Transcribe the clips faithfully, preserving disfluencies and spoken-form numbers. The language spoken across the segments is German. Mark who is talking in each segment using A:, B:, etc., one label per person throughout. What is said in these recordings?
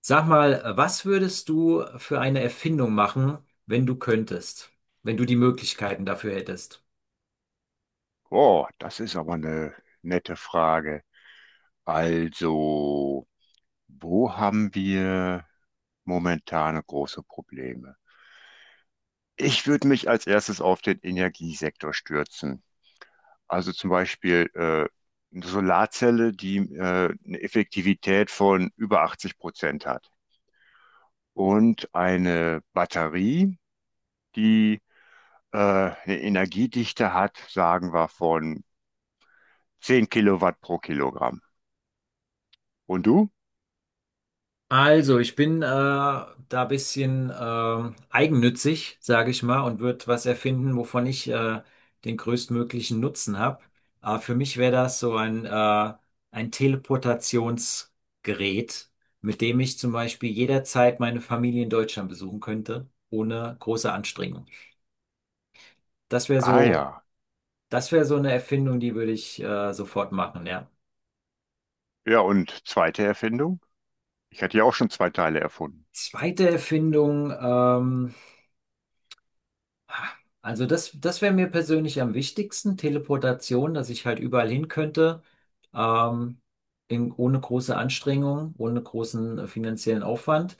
A: Sag mal, was würdest du für eine Erfindung machen, wenn du könntest, wenn du die Möglichkeiten dafür hättest?
B: Oh, das ist aber eine nette Frage. Also, wo haben wir momentane große Probleme? Ich würde mich als erstes auf den Energiesektor stürzen. Also zum Beispiel äh, eine Solarzelle, die äh, eine Effektivität von über achtzig Prozent hat, und eine Batterie, die äh, eine Energiedichte hat, sagen wir, von zehn Kilowatt pro Kilogramm. Und du?
A: Also, ich bin äh, da ein bisschen ähm, eigennützig, sage ich mal, und würde was erfinden, wovon ich äh, den größtmöglichen Nutzen habe. Aber für mich wäre das so ein, äh, ein Teleportationsgerät, mit dem ich zum Beispiel jederzeit meine Familie in Deutschland besuchen könnte, ohne große Anstrengung. Das wäre
B: Ah
A: so.
B: ja.
A: Das wäre so eine Erfindung, die würde ich äh, sofort machen, ja.
B: Ja, und zweite Erfindung? Ich hatte ja auch schon zwei Teile erfunden.
A: Zweite Erfindung, ähm, also das, das wäre mir persönlich am wichtigsten, Teleportation, dass ich halt überall hin könnte, ähm, in, ohne große Anstrengung, ohne großen äh, finanziellen Aufwand.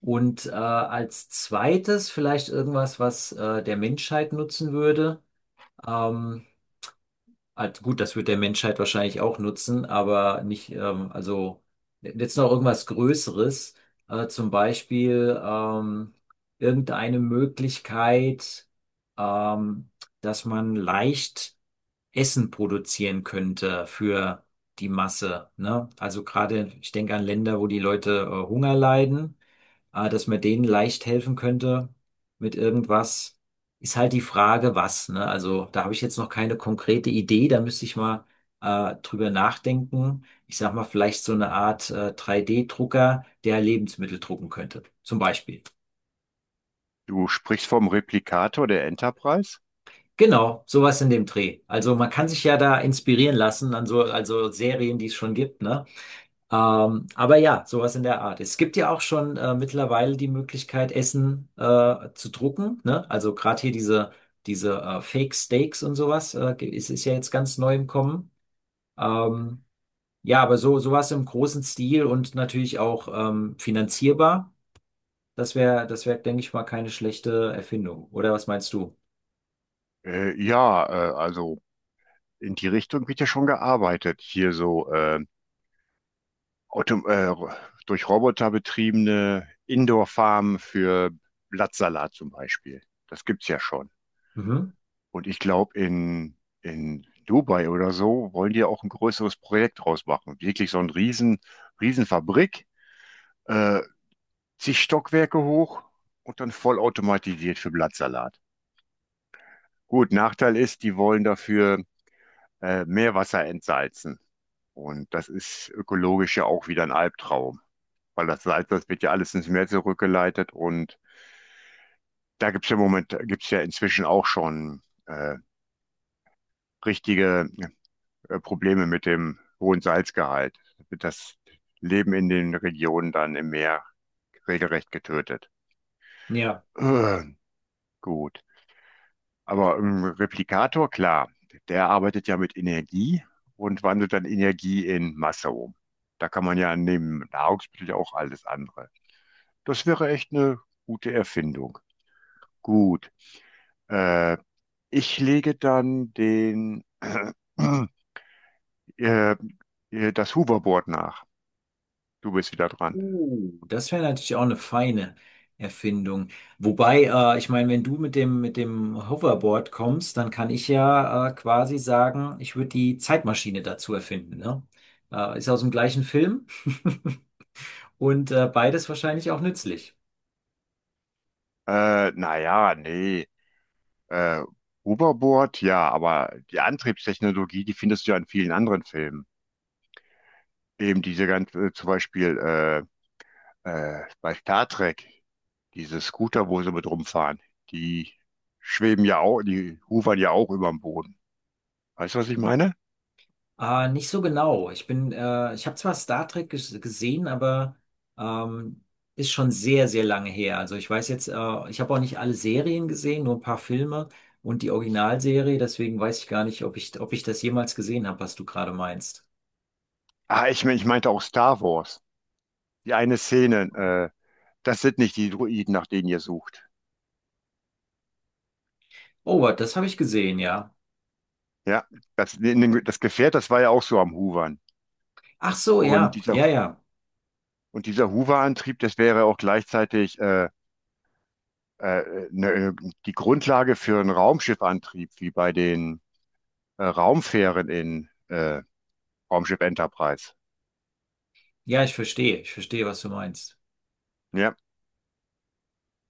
A: Und äh, als zweites vielleicht irgendwas, was äh, der Menschheit nutzen würde. Ähm, Also gut, das wird der Menschheit wahrscheinlich auch nutzen, aber nicht, ähm, also jetzt noch irgendwas Größeres, äh, zum Beispiel ähm, irgendeine Möglichkeit, ähm, dass man leicht Essen produzieren könnte für die Masse, ne? Also gerade, ich denke an Länder, wo die Leute äh, Hunger leiden, äh, dass man denen leicht helfen könnte mit irgendwas. Ist halt die Frage, was, ne? Also da habe ich jetzt noch keine konkrete Idee, da müsste ich mal äh, drüber nachdenken. Ich sag mal, vielleicht so eine Art äh, drei D-Drucker, der Lebensmittel drucken könnte, zum Beispiel.
B: Du sprichst vom Replikator der Enterprise?
A: Genau, sowas in dem Dreh. Also man kann sich ja da inspirieren lassen an so also Serien, die es schon gibt, ne? Ähm, aber ja, sowas in der Art. Es gibt ja auch schon äh, mittlerweile die Möglichkeit, Essen äh, zu drucken, ne? Also gerade hier diese, diese äh, Fake Steaks und sowas, äh, ge- ist, ist ja jetzt ganz neu im Kommen. Ähm, ja, aber so sowas im großen Stil und natürlich auch ähm, finanzierbar, das wäre, das wäre, denke ich mal, keine schlechte Erfindung. Oder was meinst du?
B: Äh, ja, äh, also in die Richtung wird ja schon gearbeitet. Hier so äh, Auto, äh, durch Roboter betriebene Indoor-Farmen für Blattsalat zum Beispiel. Das gibt's ja schon.
A: Mhm.
B: Und ich glaube, in, in Dubai oder so wollen die ja auch ein größeres Projekt draus machen. Wirklich so ein Riesen, Riesenfabrik, äh, zig Stockwerke hoch und dann vollautomatisiert für Blattsalat. Gut, Nachteil ist, die wollen dafür äh, Meerwasser entsalzen. Und das ist ökologisch ja auch wieder ein Albtraum, weil das Salz, das wird ja alles ins Meer zurückgeleitet. Und da gibt es ja im Moment, gibt's ja inzwischen auch schon äh, richtige äh, Probleme mit dem hohen Salzgehalt. Wird das Leben in den Regionen dann im Meer regelrecht getötet.
A: Ja.
B: Äh, gut. Aber im Replikator, klar, der arbeitet ja mit Energie und wandelt dann Energie in Masse um. Da kann man ja neben Nahrungsmittel ja auch alles andere. Das wäre echt eine gute Erfindung. Gut. Äh, Ich lege dann den, äh, äh, das Hoverboard nach. Du bist wieder dran.
A: Uh, das wäre natürlich auch eine feine Erfindung. Wobei, äh, ich meine, wenn du mit dem, mit dem Hoverboard kommst, dann kann ich ja äh, quasi sagen, ich würde die Zeitmaschine dazu erfinden, ne? Äh, ist aus dem gleichen Film und äh, beides wahrscheinlich auch nützlich.
B: Äh, naja, nee. Äh, Hoverboard, ja, aber die Antriebstechnologie, die findest du ja in vielen anderen Filmen. Eben diese ganze, zum Beispiel äh, Äh, bei Star Trek, diese Scooter, wo sie mit rumfahren, die schweben ja auch, die hovern ja auch über dem Boden. Weißt du, was ich meine?
A: Äh, nicht so genau. Ich bin, äh, ich habe zwar Star Trek ges gesehen, aber ähm, ist schon sehr, sehr lange her. Also ich weiß jetzt, äh, ich habe auch nicht alle Serien gesehen, nur ein paar Filme und die Originalserie, deswegen weiß ich gar nicht, ob ich, ob ich das jemals gesehen habe, was du gerade meinst.
B: Ah, ich, mein- ich meinte auch Star Wars. Die eine Szene, äh, das sind nicht die Droiden, nach denen ihr sucht.
A: Oh, das habe ich gesehen, ja.
B: Ja, das, das Gefährt, das war ja auch so am Hovern.
A: Ach so,
B: Und
A: ja,
B: dieser,
A: ja, ja.
B: und dieser Hoverantrieb, das wäre auch gleichzeitig äh, äh, ne, äh, die Grundlage für einen Raumschiffantrieb, wie bei den äh, Raumfähren in äh, Raumschiff Enterprise.
A: Ja, ich verstehe, ich verstehe, was du meinst.
B: Ja,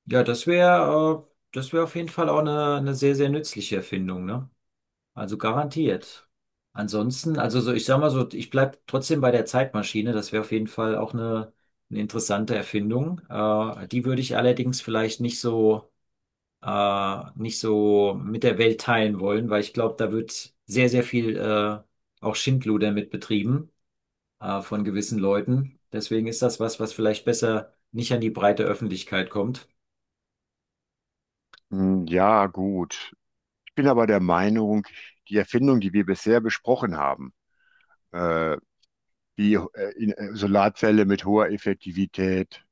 A: Ja, das wäre, äh, das wäre auf jeden Fall auch eine, eine sehr, sehr nützliche Erfindung, ne? Also garantiert. Ansonsten, also so, ich sag mal so, ich bleib trotzdem bei der Zeitmaschine. Das wäre auf jeden Fall auch eine, eine interessante Erfindung. Äh, die würde ich allerdings vielleicht nicht so, äh, nicht so mit der Welt teilen wollen, weil ich glaube, da wird sehr, sehr viel äh, auch Schindluder mit betrieben, äh, von gewissen Leuten. Deswegen ist das was, was vielleicht besser nicht an die breite Öffentlichkeit kommt.
B: hm, ja, gut. Ich bin aber der Meinung, die Erfindungen, die wir bisher besprochen haben, äh, wie äh, in, äh, Solarzelle mit hoher Effektivität,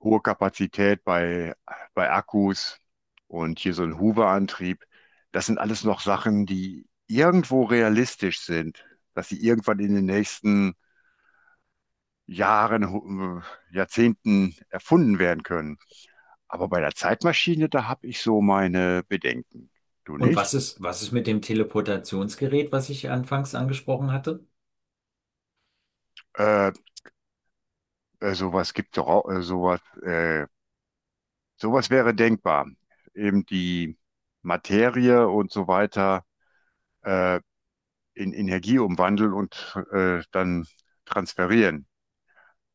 B: hohe Kapazität bei, bei Akkus und hier so ein Hoover-Antrieb, das sind alles noch Sachen, die irgendwo realistisch sind, dass sie irgendwann in den nächsten Jahren, hu- äh, Jahrzehnten erfunden werden können. Aber bei der Zeitmaschine, da habe ich so meine Bedenken. Du
A: Und was
B: nicht?
A: ist, was ist mit dem Teleportationsgerät, was ich anfangs angesprochen hatte?
B: Äh, Äh, sowas gibt doch auch, äh, sowas, äh, sowas wäre denkbar. Eben die Materie und so weiter äh, in Energie umwandeln und äh, dann transferieren.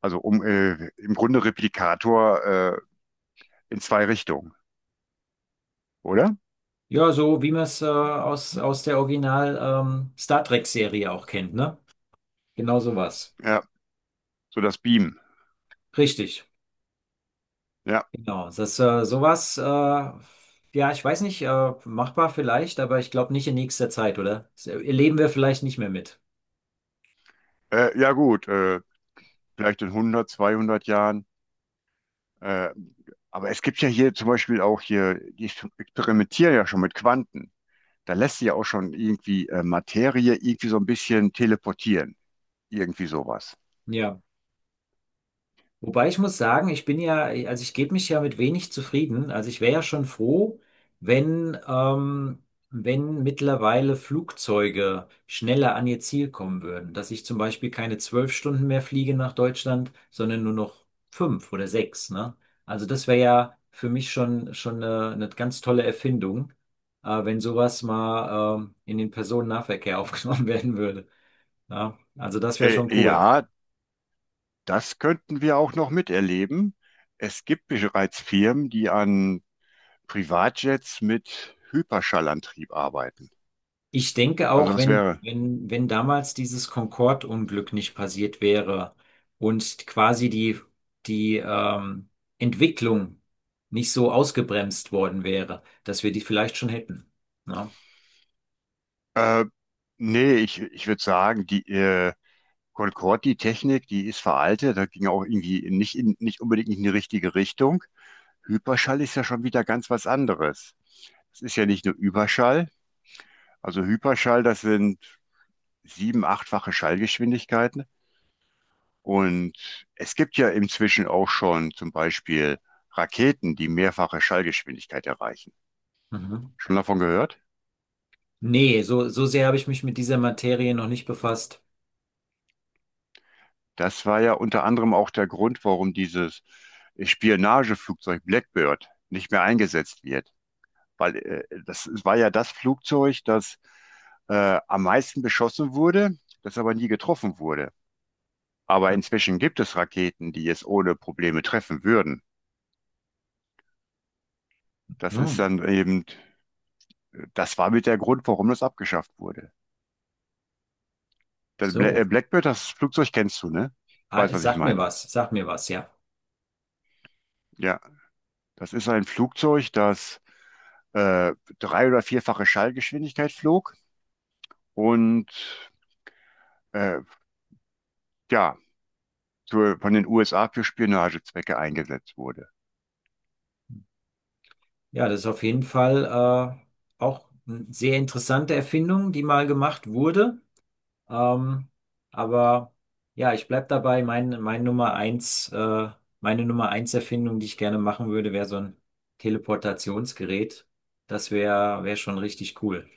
B: Also um äh, im Grunde Replikator äh, in zwei Richtungen, oder?
A: Ja, so wie man es äh, aus, aus der Original ähm, Star Trek-Serie auch kennt, ne? Genau sowas.
B: Ja, so das Beam.
A: Richtig.
B: Ja,
A: Genau. Das äh, Sowas, äh, ja, ich weiß nicht, äh, machbar vielleicht, aber ich glaube nicht in nächster Zeit, oder? Das erleben wir vielleicht nicht mehr mit.
B: äh, ja gut, äh, vielleicht in hundert, zweihundert Jahren. Äh, aber es gibt ja hier zum Beispiel auch hier, die experimentieren ja schon mit Quanten. Da lässt sich ja auch schon irgendwie äh, Materie irgendwie so ein bisschen teleportieren. Irgendwie sowas.
A: Ja. Wobei ich muss sagen, ich bin ja, also ich gebe mich ja mit wenig zufrieden. Also ich wäre ja schon froh, wenn, ähm, wenn mittlerweile Flugzeuge schneller an ihr Ziel kommen würden. Dass ich zum Beispiel keine zwölf Stunden mehr fliege nach Deutschland, sondern nur noch fünf oder sechs, ne? Also das wäre ja für mich schon, schon eine, eine ganz tolle Erfindung, äh, wenn sowas mal, ähm, in den Personennahverkehr aufgenommen werden würde. Ja? Also das wäre
B: Äh,
A: schon cool.
B: ja, das könnten wir auch noch miterleben. Es gibt bereits Firmen, die an Privatjets mit Hyperschallantrieb arbeiten.
A: Ich denke
B: Also
A: auch,
B: das
A: wenn,
B: wäre,
A: wenn, wenn damals dieses Concorde-Unglück nicht passiert wäre und quasi die, die ähm, Entwicklung nicht so ausgebremst worden wäre, dass wir die vielleicht schon hätten. Ne,
B: äh, nee, ich, ich würde sagen, die, äh, Concorde, die Technik, die ist veraltet, da ging auch irgendwie nicht, in, nicht unbedingt in die richtige Richtung. Hyperschall ist ja schon wieder ganz was anderes. Es ist ja nicht nur Überschall. Also Hyperschall, das sind sieben, achtfache Schallgeschwindigkeiten. Und es gibt ja inzwischen auch schon zum Beispiel Raketen, die mehrfache Schallgeschwindigkeit erreichen.
A: Mhm.
B: Schon davon gehört?
A: Nee, so, so sehr habe ich mich mit dieser Materie noch nicht befasst.
B: Das war ja unter anderem auch der Grund, warum dieses Spionageflugzeug Blackbird nicht mehr eingesetzt wird. Weil äh, das war ja das Flugzeug, das äh, am meisten beschossen wurde, das aber nie getroffen wurde. Aber inzwischen gibt es Raketen, die es ohne Probleme treffen würden. Das ist
A: Mhm.
B: dann eben, das war mit der Grund, warum das abgeschafft wurde. Das Bla- äh,
A: So.
B: Blackbird, das Flugzeug kennst du, ne?
A: Ah,
B: Weißt, was ich
A: sag mir
B: meine.
A: was, sag mir was, ja.
B: Ja, das ist ein Flugzeug, das äh, drei- oder vierfache Schallgeschwindigkeit flog und äh, ja, zur, von den U S A für Spionagezwecke eingesetzt wurde.
A: Ja, das ist auf jeden Fall äh, auch eine sehr interessante Erfindung, die mal gemacht wurde. Ähm, aber ja, ich bleib dabei. Mein, mein Nummer eins, äh, meine Nummer eins Erfindung, die ich gerne machen würde, wäre so ein Teleportationsgerät. Das wäre, wäre schon richtig cool.